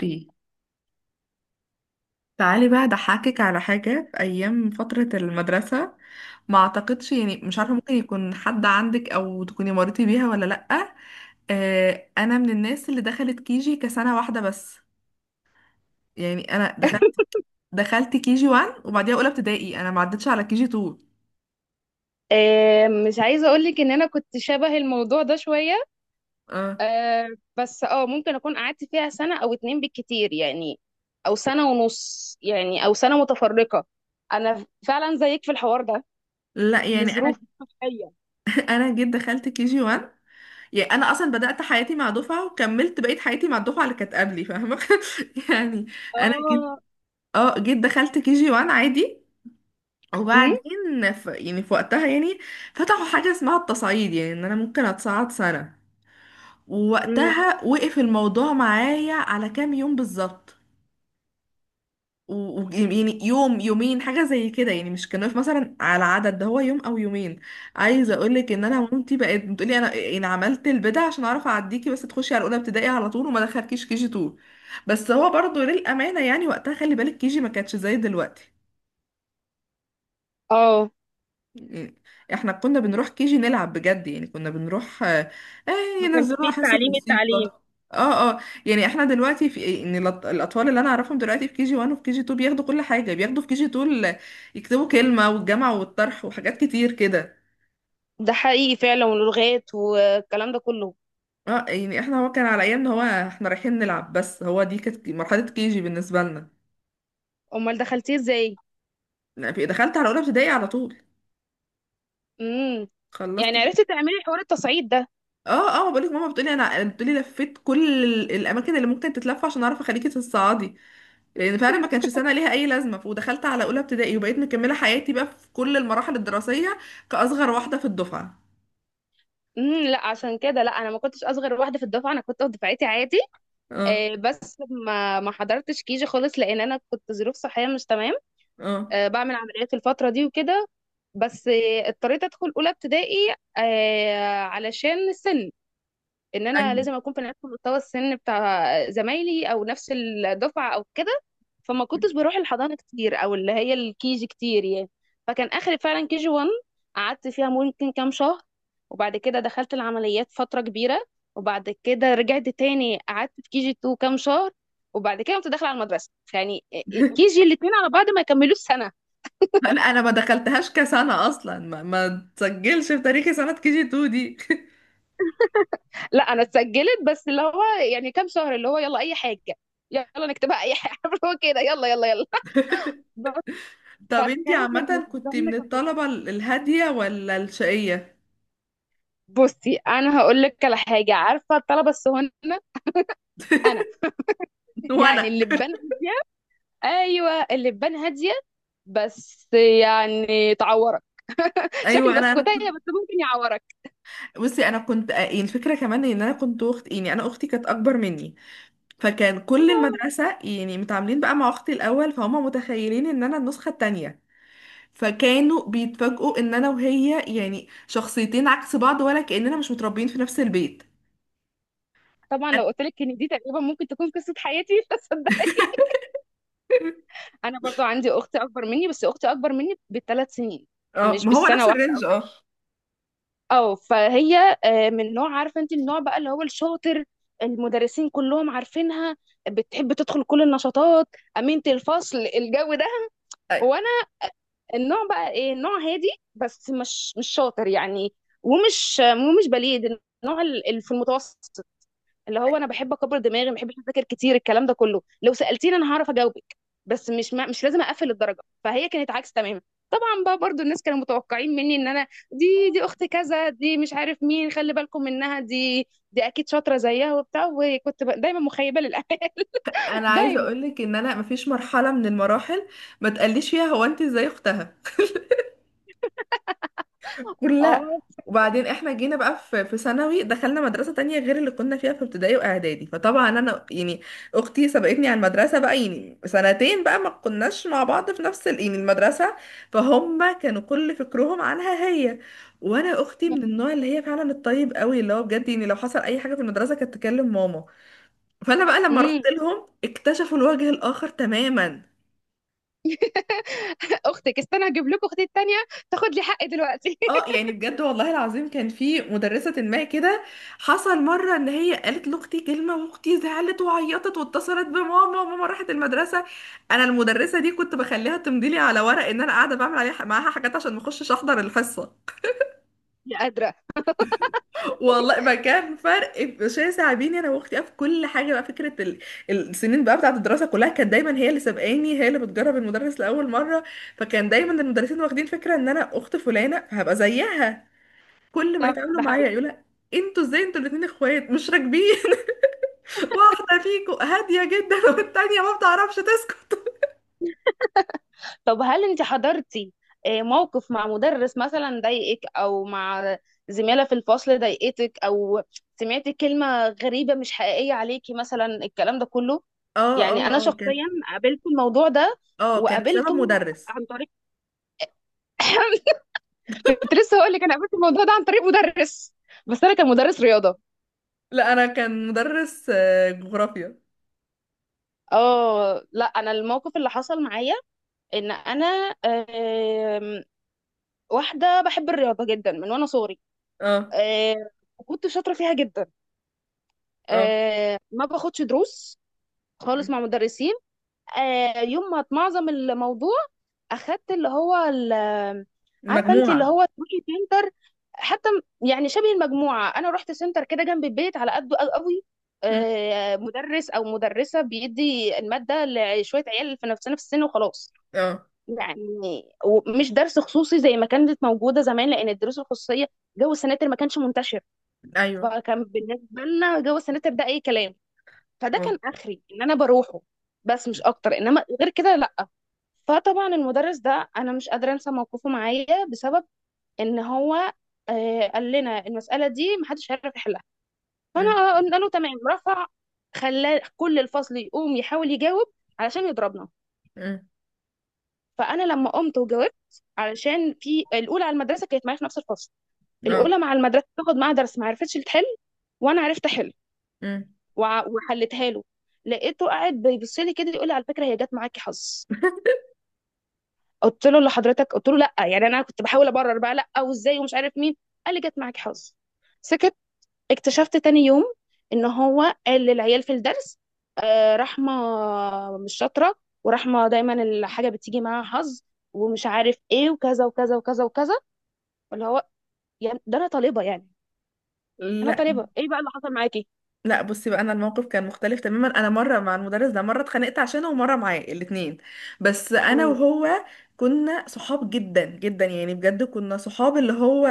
اوكي، تعالي بقى اضحكك على حاجة في أيام فترة المدرسة. ما أعتقدش، يعني مش عارفة، ممكن يكون حد عندك أو تكوني مريتي بيها ولا لأ. آه، أنا من الناس اللي دخلت كيجي كسنة واحدة بس. يعني أنا دخلت كيجي 1، وبعديها أولى ابتدائي. أنا ما عدتش على كيجي 2. مش عايزة أقولك إن أنا كنت شبه الموضوع ده شوية. آه. آه، بس ممكن أكون قعدت فيها سنة أو اتنين بالكتير يعني، أو سنة ونص يعني، أو سنة متفرقة. أنا فعلا زيك في الحوار ده لا، يعني أنا لظروف صحية. أنا جيت دخلت كيجي 1. يعني أنا أصلا بدأت حياتي مع دفعة، وكملت بقية حياتي مع الدفعة اللي كانت قبلي، فاهمة؟ يعني أنا جيت اه. اه جيت دخلت كيجي 1 عادي. أمم. وبعدين يعني في وقتها، يعني فتحوا حاجة اسمها التصعيد، يعني ان انا ممكن اتصعد سنة. أمم. ووقتها وقف الموضوع معايا على كام يوم بالظبط. و... يعني يوم يومين حاجة زي كده، يعني مش كان واقف مثلا على عدد. ده هو يوم او يومين. عايزة اقولك ان انا مامتي بقت بتقولي انا يعني عملت البدع عشان اعرف اعديكي، بس تخشي على اولى ابتدائي على طول وما دخلكيش كي جي 2. بس هو برضو للأمانة، يعني وقتها خلي بالك كي جي ما كانتش زي دلوقتي. اه، إيه. احنا كنا بنروح كيجي نلعب بجد، يعني كنا بنروح. ما كانش فيه ينزلوها حصة التعليم موسيقى. اه، اه. يعني احنا دلوقتي في ان الاطفال اللي انا اعرفهم دلوقتي في كيجي 1 وفي كيجي 2 بياخدوا كل حاجة، بياخدوا في كيجي 2. يكتبوا كلمة والجمع والطرح وحاجات كتير كده. ده حقيقي فعلا، ولغات والكلام ده كله. اه. يعني احنا، هو كان على ايامنا، هو احنا رايحين نلعب، بس هو دي كانت مرحلة كيجي بالنسبة لنا. أمال دخلتيه إزاي؟ لا، دخلت على اولى ابتدائي على طول. امم. خلصت. يعني عرفتي تعملي حوار التصعيد ده. اه، اه. بقول لك ماما بتقولي انا بتقولي لفيت كل الاماكن اللي ممكن تتلف، عشان اعرف اخليكي تتصعدي. لان فعلا ما كانش سنه ليها اي لازمه، ودخلت على اولى ابتدائي، وبقيت مكمله حياتي بقى في كل المراحل الدراسيه، كاصغر واحده في الدفعه. امم، لا عشان كده، لا انا ما كنتش اصغر واحده في الدفعه، انا كنت في دفعتي عادي. اه، بس ما حضرتش كيجي خالص لان انا كنت ظروف صحيه مش تمام. اه، بعمل عمليات الفتره دي وكده. بس اضطريت ادخل اولى ابتدائي. علشان السن، ان انا ايوه. لازم اكون في نفس مستوى السن بتاع زمايلي او نفس الدفعه او كده. فما كنتش بروح الحضانه كتير، او اللي هي الكيجي كتير يعني. فكان اخري فعلا كيجي 1، قعدت فيها ممكن كام شهر. وبعد كده دخلت العمليات فتره كبيره. وبعد كده رجعت تاني، قعدت في كيجي 2 كام شهر. وبعد كده كنت داخله على المدرسه يعني. كيجي الاثنين على بعض ما يكملوش سنه. لا، انا ما دخلتهاش كسنه اصلا، ما تسجلش في تاريخي سنه كي جي 2 دي لا انا اتسجلت، بس اللي هو يعني كام شهر اللي هو يلا اي حاجه، يلا نكتبها اي حاجه اللي هو كده يلا يلا يلا. طب انتي فكان عامه بالنسبه كنت لنا من الطلبه الهاديه ولا الشقيه؟ بصي، انا هقول لك على حاجه. عارفه الطلبه الصهاينه؟ انا يعني وانا، اللبان هاديه، ايوه اللبان هاديه، بس يعني تعورك، شكل ايوه، انا بسكوتيه بس ممكن يعورك. بصي، انا كنت، الفكره كمان ان انا كنت اخت، يعني انا اختي كانت اكبر مني. فكان كل آه. المدرسة يعني متعاملين بقى مع أختي الأول، فهم متخيلين إن أنا النسخة التانية. فكانوا بيتفاجئوا إن أنا وهي يعني شخصيتين عكس بعض، ولا كأننا مش متربيين في نفس البيت. طبعا لو قلت لك ان دي تقريبا ممكن تكون قصه حياتي مش هصدقك. انا برضو عندي اختي اكبر مني، بس اختي اكبر مني بثلاث سنين، اه، مش ما هو بالسنه نفس واحده. الرينج. اه اه فهي من نوع، عارفه انت النوع بقى اللي هو الشاطر، المدرسين كلهم عارفينها، بتحب تدخل كل النشاطات، امينه الفصل، الجو ده. وانا النوع بقى ايه، نوع هادي، بس مش شاطر يعني، ومش بليد، النوع اللي في المتوسط. اللي هو انا بحب اكبر دماغي، ما بحبش اذاكر كتير، الكلام ده كله، لو سالتيني انا هعرف اجاوبك، بس مش لازم اقفل الدرجه. فهي كانت عكس تماما. طبعا بقى برضو الناس كانوا متوقعين مني ان انا، دي اخت كذا، دي مش عارف مين، خلي بالكم منها دي اكيد شاطره زيها وبتاع، وكنت دايما مخيبه للامال أنا عايزة دايما. أقولك إن أنا مفيش مرحلة من المراحل ما تقليش فيها هو أنت إزاي أختها، كلها. اه. وبعدين احنا جينا بقى في ثانوي، دخلنا مدرسة تانية غير اللي كنا فيها في ابتدائي واعدادي. فطبعا انا يعني اختي سبقتني على المدرسة بقى يعني سنتين، بقى ما كناش مع بعض في نفس يعني المدرسة. فهم كانوا كل فكرهم عنها هي. وانا اختي من النوع اللي هي فعلا الطيب قوي، اللي هو بجد يعني لو حصل اي حاجة في المدرسة كانت تكلم ماما. فانا بقى لما امم رحت لهم اكتشفوا الوجه الاخر تماما. اختك، استنى اجيب لكم اختي التانيه تاخد لي حقي دلوقتي اه. يعني بجد والله العظيم كان في مدرسة ما كده. حصل مرة ان هي قالت لاختي كلمة، واختي زعلت وعيطت، واتصلت بماما، وماما راحت المدرسة. انا المدرسة دي كنت بخليها تمضي لي على ورق ان انا قاعدة بعمل عليها معاها حاجات عشان ما اخشش احضر الحصة. مش قادره. والله ما كان فرق شاسع بيني انا واختي في كل حاجة، بقى فكرة السنين بقى بتاعة الدراسة كلها كانت دايما هي اللي سابقاني، هي اللي بتجرب المدرس لأول مرة. فكان دايما المدرسين واخدين فكرة ان انا اخت فلانة فهبقى زيها. كل ما صح، يتعاملوا ده معايا حقيقي. يقولوا لها، انتوا ازاي؟ انتوا الاتنين اخوات مش راكبين واحده فيكم هاديه جدا والتانيه ما بتعرفش تسكت. طب هل انت حضرتي موقف مع مدرس مثلا ضايقك، او مع زميلة في الفصل ضايقتك، او سمعتي كلمة غريبة مش حقيقية عليكي مثلا، الكلام ده كله؟ اه، يعني اه، انا اه، كان شخصيا قابلت الموضوع ده، اه كان بسبب وقابلته مدرس. عن طريق كنت لسه هقول لك، انا قابلت الموضوع ده عن طريق مدرس، بس انا كان مدرس رياضه. لا، انا كان مدرس جغرافيا. اه لا، انا الموقف اللي حصل معايا ان انا، آم، واحده بحب الرياضه جدا من وانا صغري، اه. آه، وكنت شاطره فيها جدا. اه. ما باخدش دروس خالص م. مع مدرسين. يوم ما اتمعظم الموضوع اخدت اللي هو عارفه انت، اللي مجموعه. هو تروحي سنتر حتى، يعني شبه المجموعه. انا رحت سنتر كده جنب البيت على قده، قوي قوي. م. مدرس او مدرسه بيدي الماده لشويه عيال في نفس السن وخلاص اه. يعني، ومش درس خصوصي زي ما كانت موجوده زمان، لان الدروس الخصوصيه، جو السناتر، ما كانش منتشر. ايوه. فكان بالنسبه لنا جو السناتر ده اي كلام. فده اه. كان اخري ان انا بروحه، بس م. مش اكتر، انما غير كده لا. فطبعا المدرس ده انا مش قادره انسى موقفه معايا، بسبب ان هو قال لنا المساله دي محدش هيعرف يحلها. م. فانا قلنا له تمام، رفع، خلى كل الفصل يقوم يحاول يجاوب علشان يضربنا. م. فانا لما قمت وجاوبت، علشان في الاولى على المدرسه كانت معايا في نفس الفصل، اه. الاولى مع المدرسه تاخد معاها درس ما عرفتش تحل، وانا عرفت احل م. وحلتها له. لقيته قاعد بيبص لي كده، يقول لي على فكره، هي جت معاكي حظ. قلت له لحضرتك، قلت له لا يعني، انا كنت بحاول ابرر بقى، لا وازاي ومش عارف مين. قال لي جت معاكي حظ. سكت. اكتشفت تاني يوم ان هو قال للعيال في الدرس رحمه مش شاطره، ورحمه دايما الحاجه بتيجي معاها حظ، ومش عارف ايه، وكذا وكذا وكذا وكذا. اللي هو يعني، ده انا طالبه يعني، انا طالبه. ايه بقى اللي حصل معاكي؟ لا، بصي بقى، انا الموقف كان مختلف تماما. انا مره مع المدرس ده، مره اتخانقت عشانه، ومره معاه الاتنين. بس انا امم. وهو كنا صحاب جدا جدا، يعني بجد كنا صحاب، اللي هو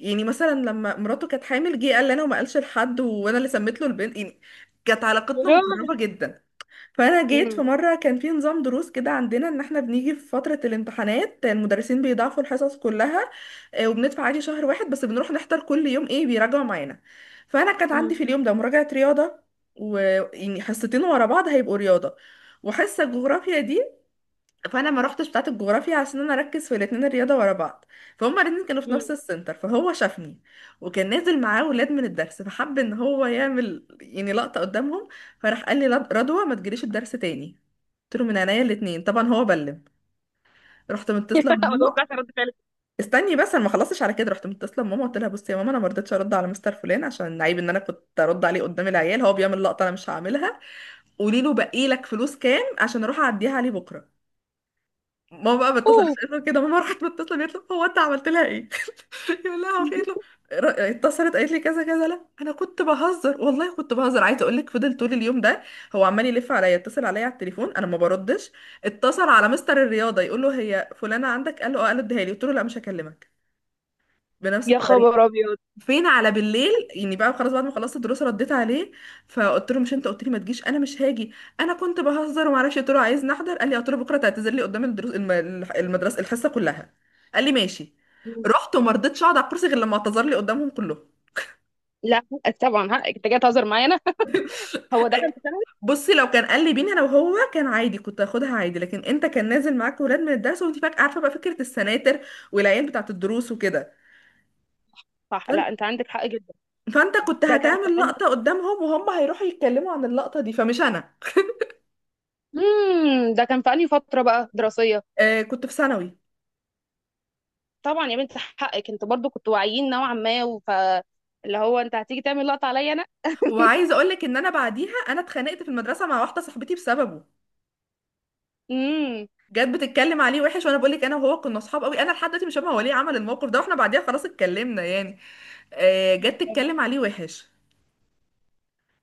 يعني مثلا لما مراته كانت حامل جه قال لي انا، وما قالش لحد، وانا اللي سميت له البنت يعني. كانت علاقتنا يا مقربه روحي. جدا. فانا جيت، في امم. مره كان في نظام دروس كده عندنا، ان احنا بنيجي في فتره الامتحانات المدرسين بيضاعفوا الحصص كلها. وبندفع عادي شهر واحد بس بنروح نحضر كل يوم، ايه بيراجعوا معانا. فانا كانت عندي امم. في اليوم ده مراجعه رياضه، ويعني حصتين ورا بعض هيبقوا رياضه، وحصه جغرافيا دي. فانا ما روحتش بتاعه الجغرافيا، عشان انا اركز في الاثنين الرياضه ورا بعض. فهم الاثنين كانوا في امم. نفس السنتر، فهو شافني. وكان نازل معاه ولاد من الدرس، فحب ان هو يعمل يعني لقطه قدامهم. فراح قال لي: رضوى ما تجريش الدرس تاني. قلت له: من عينيا الاثنين. طبعا هو بلم. رحت متصله ما بماما. توقعتش رد فعل. استني بس، انا ما خلصتش. على كده رحت متصله بماما قلت لها: بصي يا ماما، انا ما رضيتش ارد على مستر فلان عشان عيب ان انا كنت ارد عليه قدام العيال. هو بيعمل لقطه انا مش هعملها. قولي له باقي لك فلوس كام عشان اروح اعديها عليه بكره. ماما بقى بتصل اوف. اسال كده، ماما راحت متصله قالت له: هو انت عملت لها ايه؟ يقول لها: هو في إيه؟ قالت له: اتصلت قالت لي كذا كذا. لا انا كنت بهزر والله كنت بهزر. عايزه اقول لك فضل طول اليوم ده هو عمال يلف عليا، يتصل عليا على التليفون، انا ما بردش. اتصل على مستر الرياضه يقول له: هي فلانه عندك؟ قال له: اه. قال له: اديها لي. قلت له: لا مش هكلمك. بنفس يا الطريقه. خبر ابيض. فين على بالليل يعني بقى خلاص بعد ما خلصت الدروس رديت عليه. فقلت له: مش انت قلت لي ما تجيش؟ انا مش هاجي. انا كنت بهزر وما اعرفش. قلت له: عايز نحضر. قال لي، قلت له: بكره تعتذر لي قدام الدروس، المدرسه الحصه كلها. قال لي: ماشي. رحت وما رضيتش اقعد على الكرسي غير لما اعتذر لي قدامهم كلهم. لا حقك طبعا، حقك، انت جاي تهزر معانا هو ده أي- كان في سنة؟ بصي، لو كان قال لي بيني انا وهو كان عادي، كنت هاخدها عادي. لكن انت كان نازل معاك ولاد من الدرس، وانت فاكره عارفه بقى فكره السناتر والعيال بتاعه الدروس وكده. صح، فان- لا انت عندك حق جدا. فانت كنت ده كان في هتعمل انهي، لقطه قدامهم، وهم هيروحوا يتكلموا عن اللقطه دي، فمش انا. امم، ده كان في انهي فترة بقى دراسية؟ آه، كنت في ثانوي. طبعا يا بنت حقك، انت برضو كنتوا واعيين نوعا ما، وف اللي هو انت هتيجي تعمل لقطة عليا انا. وعايزه اقول لك ان انا بعديها انا اتخانقت في المدرسه مع واحده صاحبتي بسببه. امم. جت بتتكلم عليه وحش. وانا بقول لك انا وهو كنا اصحاب قوي، انا لحد دلوقتي مش فاهمه هو ليه عمل الموقف ده، واحنا بعديها خلاص اتكلمنا يعني. جت تتكلم عليه وحش.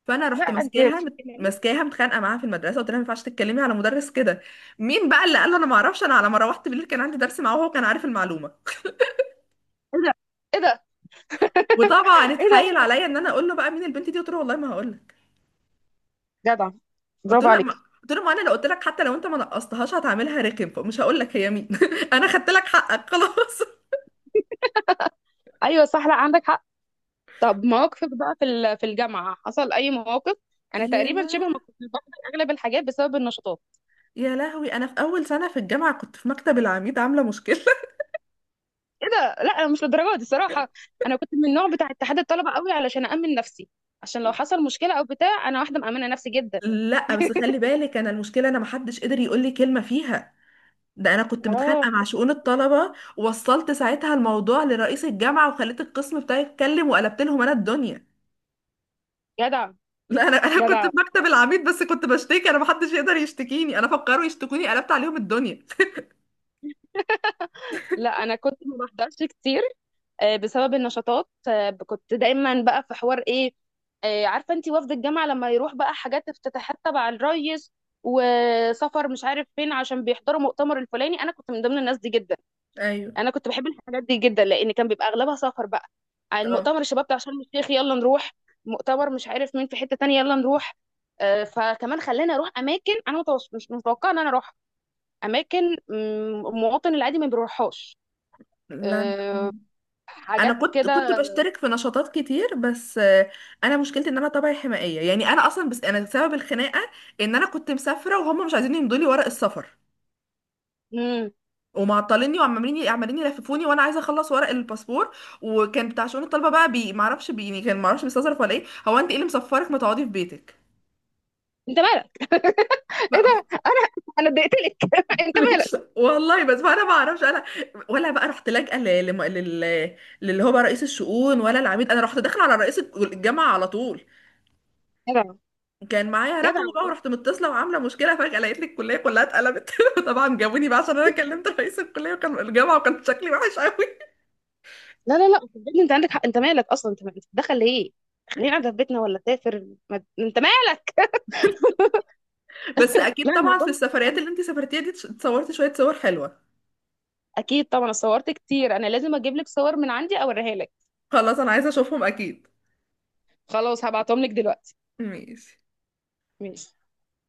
فانا لا رحت انت. ايه ده. ماسكاها متخانقه معاها في المدرسه قلت لها: ما ينفعش تتكلمي على مدرس كده. مين بقى اللي قال له؟ انا ما اعرفش. انا على ما روحت بالليل كان عندي درس معاه وهو كان عارف المعلومه. ايه ده. وطبعا ايه اتحايل ده. عليا ان انا اقول له بقى مين البنت دي، قلت له: والله ما هقول. جدع، قلت برافو له لا ما عليك. قلت له: ما انا لو قلت لك، حتى لو انت ما نقصتهاش هتعملها رخم، فمش هقول لك هي مين انا خدت لك حقك خلاص. ايوه صح، لا عندك حق. طب مواقفك بقى في الجامعة حصل اي مواقف؟ انا يا تقريبا شبه ما لا. كنت بفقد اغلب الحاجات بسبب النشاطات. يا لهوي، انا في اول سنه في الجامعه كنت في مكتب العميد عامله مشكله ايه ده. لا انا مش للدرجه دي صراحه. انا كنت من النوع بتاع اتحاد الطلبه قوي علشان امن نفسي، عشان لو حصل مشكله او بتاع انا واحده مامنه نفسي جدا. لا بس خلي بالك، انا المشكله انا ما حدش قدر يقول لي كلمه فيها. ده انا كنت اه. متخانقه مع شؤون الطلبه، ووصلت ساعتها الموضوع لرئيس الجامعه، وخليت القسم بتاعي يتكلم، وقلبت لهم انا الدنيا. جدع. لا، انا كنت جدع. في مكتب العميد بس كنت بشتكي، انا ما حدش يقدر يشتكيني انا، فكروا يشتكوني قلبت عليهم الدنيا. لا انا كنت ما بحضرش كتير بسبب النشاطات. كنت دايما بقى في حوار، ايه، عارفه انت وفد الجامعه لما يروح بقى حاجات، افتتاحات تبع الريس، وسفر مش عارف فين عشان بيحضروا مؤتمر الفلاني، انا كنت من ضمن الناس دي جدا. ايوه. انا كنت بحب الحاجات دي جدا، لان كان بيبقى اغلبها سفر بقى. يعني اه. المؤتمر، الشباب بتاع شرم الشيخ، يلا نروح. مؤتمر مش عارف مين في حتة تانية، يلا نروح. فكمان خلاني اروح اماكن انا مش متوقعه ان انا اروح اماكن، المواطن العادي ما بيروحهاش. لا آه، انا حاجات كنت كده. بشترك في نشاطات كتير بس، انا مشكلتي ان انا طبعي حمائيه، يعني انا اصلا بس انا سبب الخناقه، ان انا كنت مسافره وهم مش عايزين يمضوا لي ورق السفر. مم. ومعطليني وعمالين عمالين يلففوني، وانا عايزه اخلص ورق الباسبور. وكان بتاع شؤون الطلبه بقى، بي معرفش بي، يعني كان معرفش بيستظرف ولا ايه. هو انت ايه اللي مسفرك؟ ما تقعدي في بيتك. انت مالك. ايه بقى- ده. انا انا اتضايقت لك انت مالك. والله بس انا ما اعرفش انا. ولا بقى رحت لاجئه ل- لم- لل للي هو بقى رئيس الشؤون ولا العميد، انا رحت داخله على رئيس الجامعه على طول. جدع. كان معايا جدع. رقمه بقى، ورحت متصله وعامله مشكله فجاه لقيت لي الكليه كلها اتقلبت طبعا جابوني بقى عشان انا كلمت رئيس الكليه وكان الجامعه، وكان شكلي وحش قوي. لا لا لا صدقني انت عندك حق، انت مالك اصلا، انت مالك دخل ليه؟ خلينا قاعده في بيتنا ولا سافر، ما... انت مالك بس اكيد لا طبعا الموضوع في السفريات مش، اللي انتي سافرتيها دي اتصورتي شويه صور حلوه؟ اكيد طبعا صورت كتير، انا لازم اجيب لك صور من عندي اوريها لك. خلاص، انا عايزه اشوفهم اكيد. خلاص هبعتهم لك دلوقتي. ماشي. ماشي.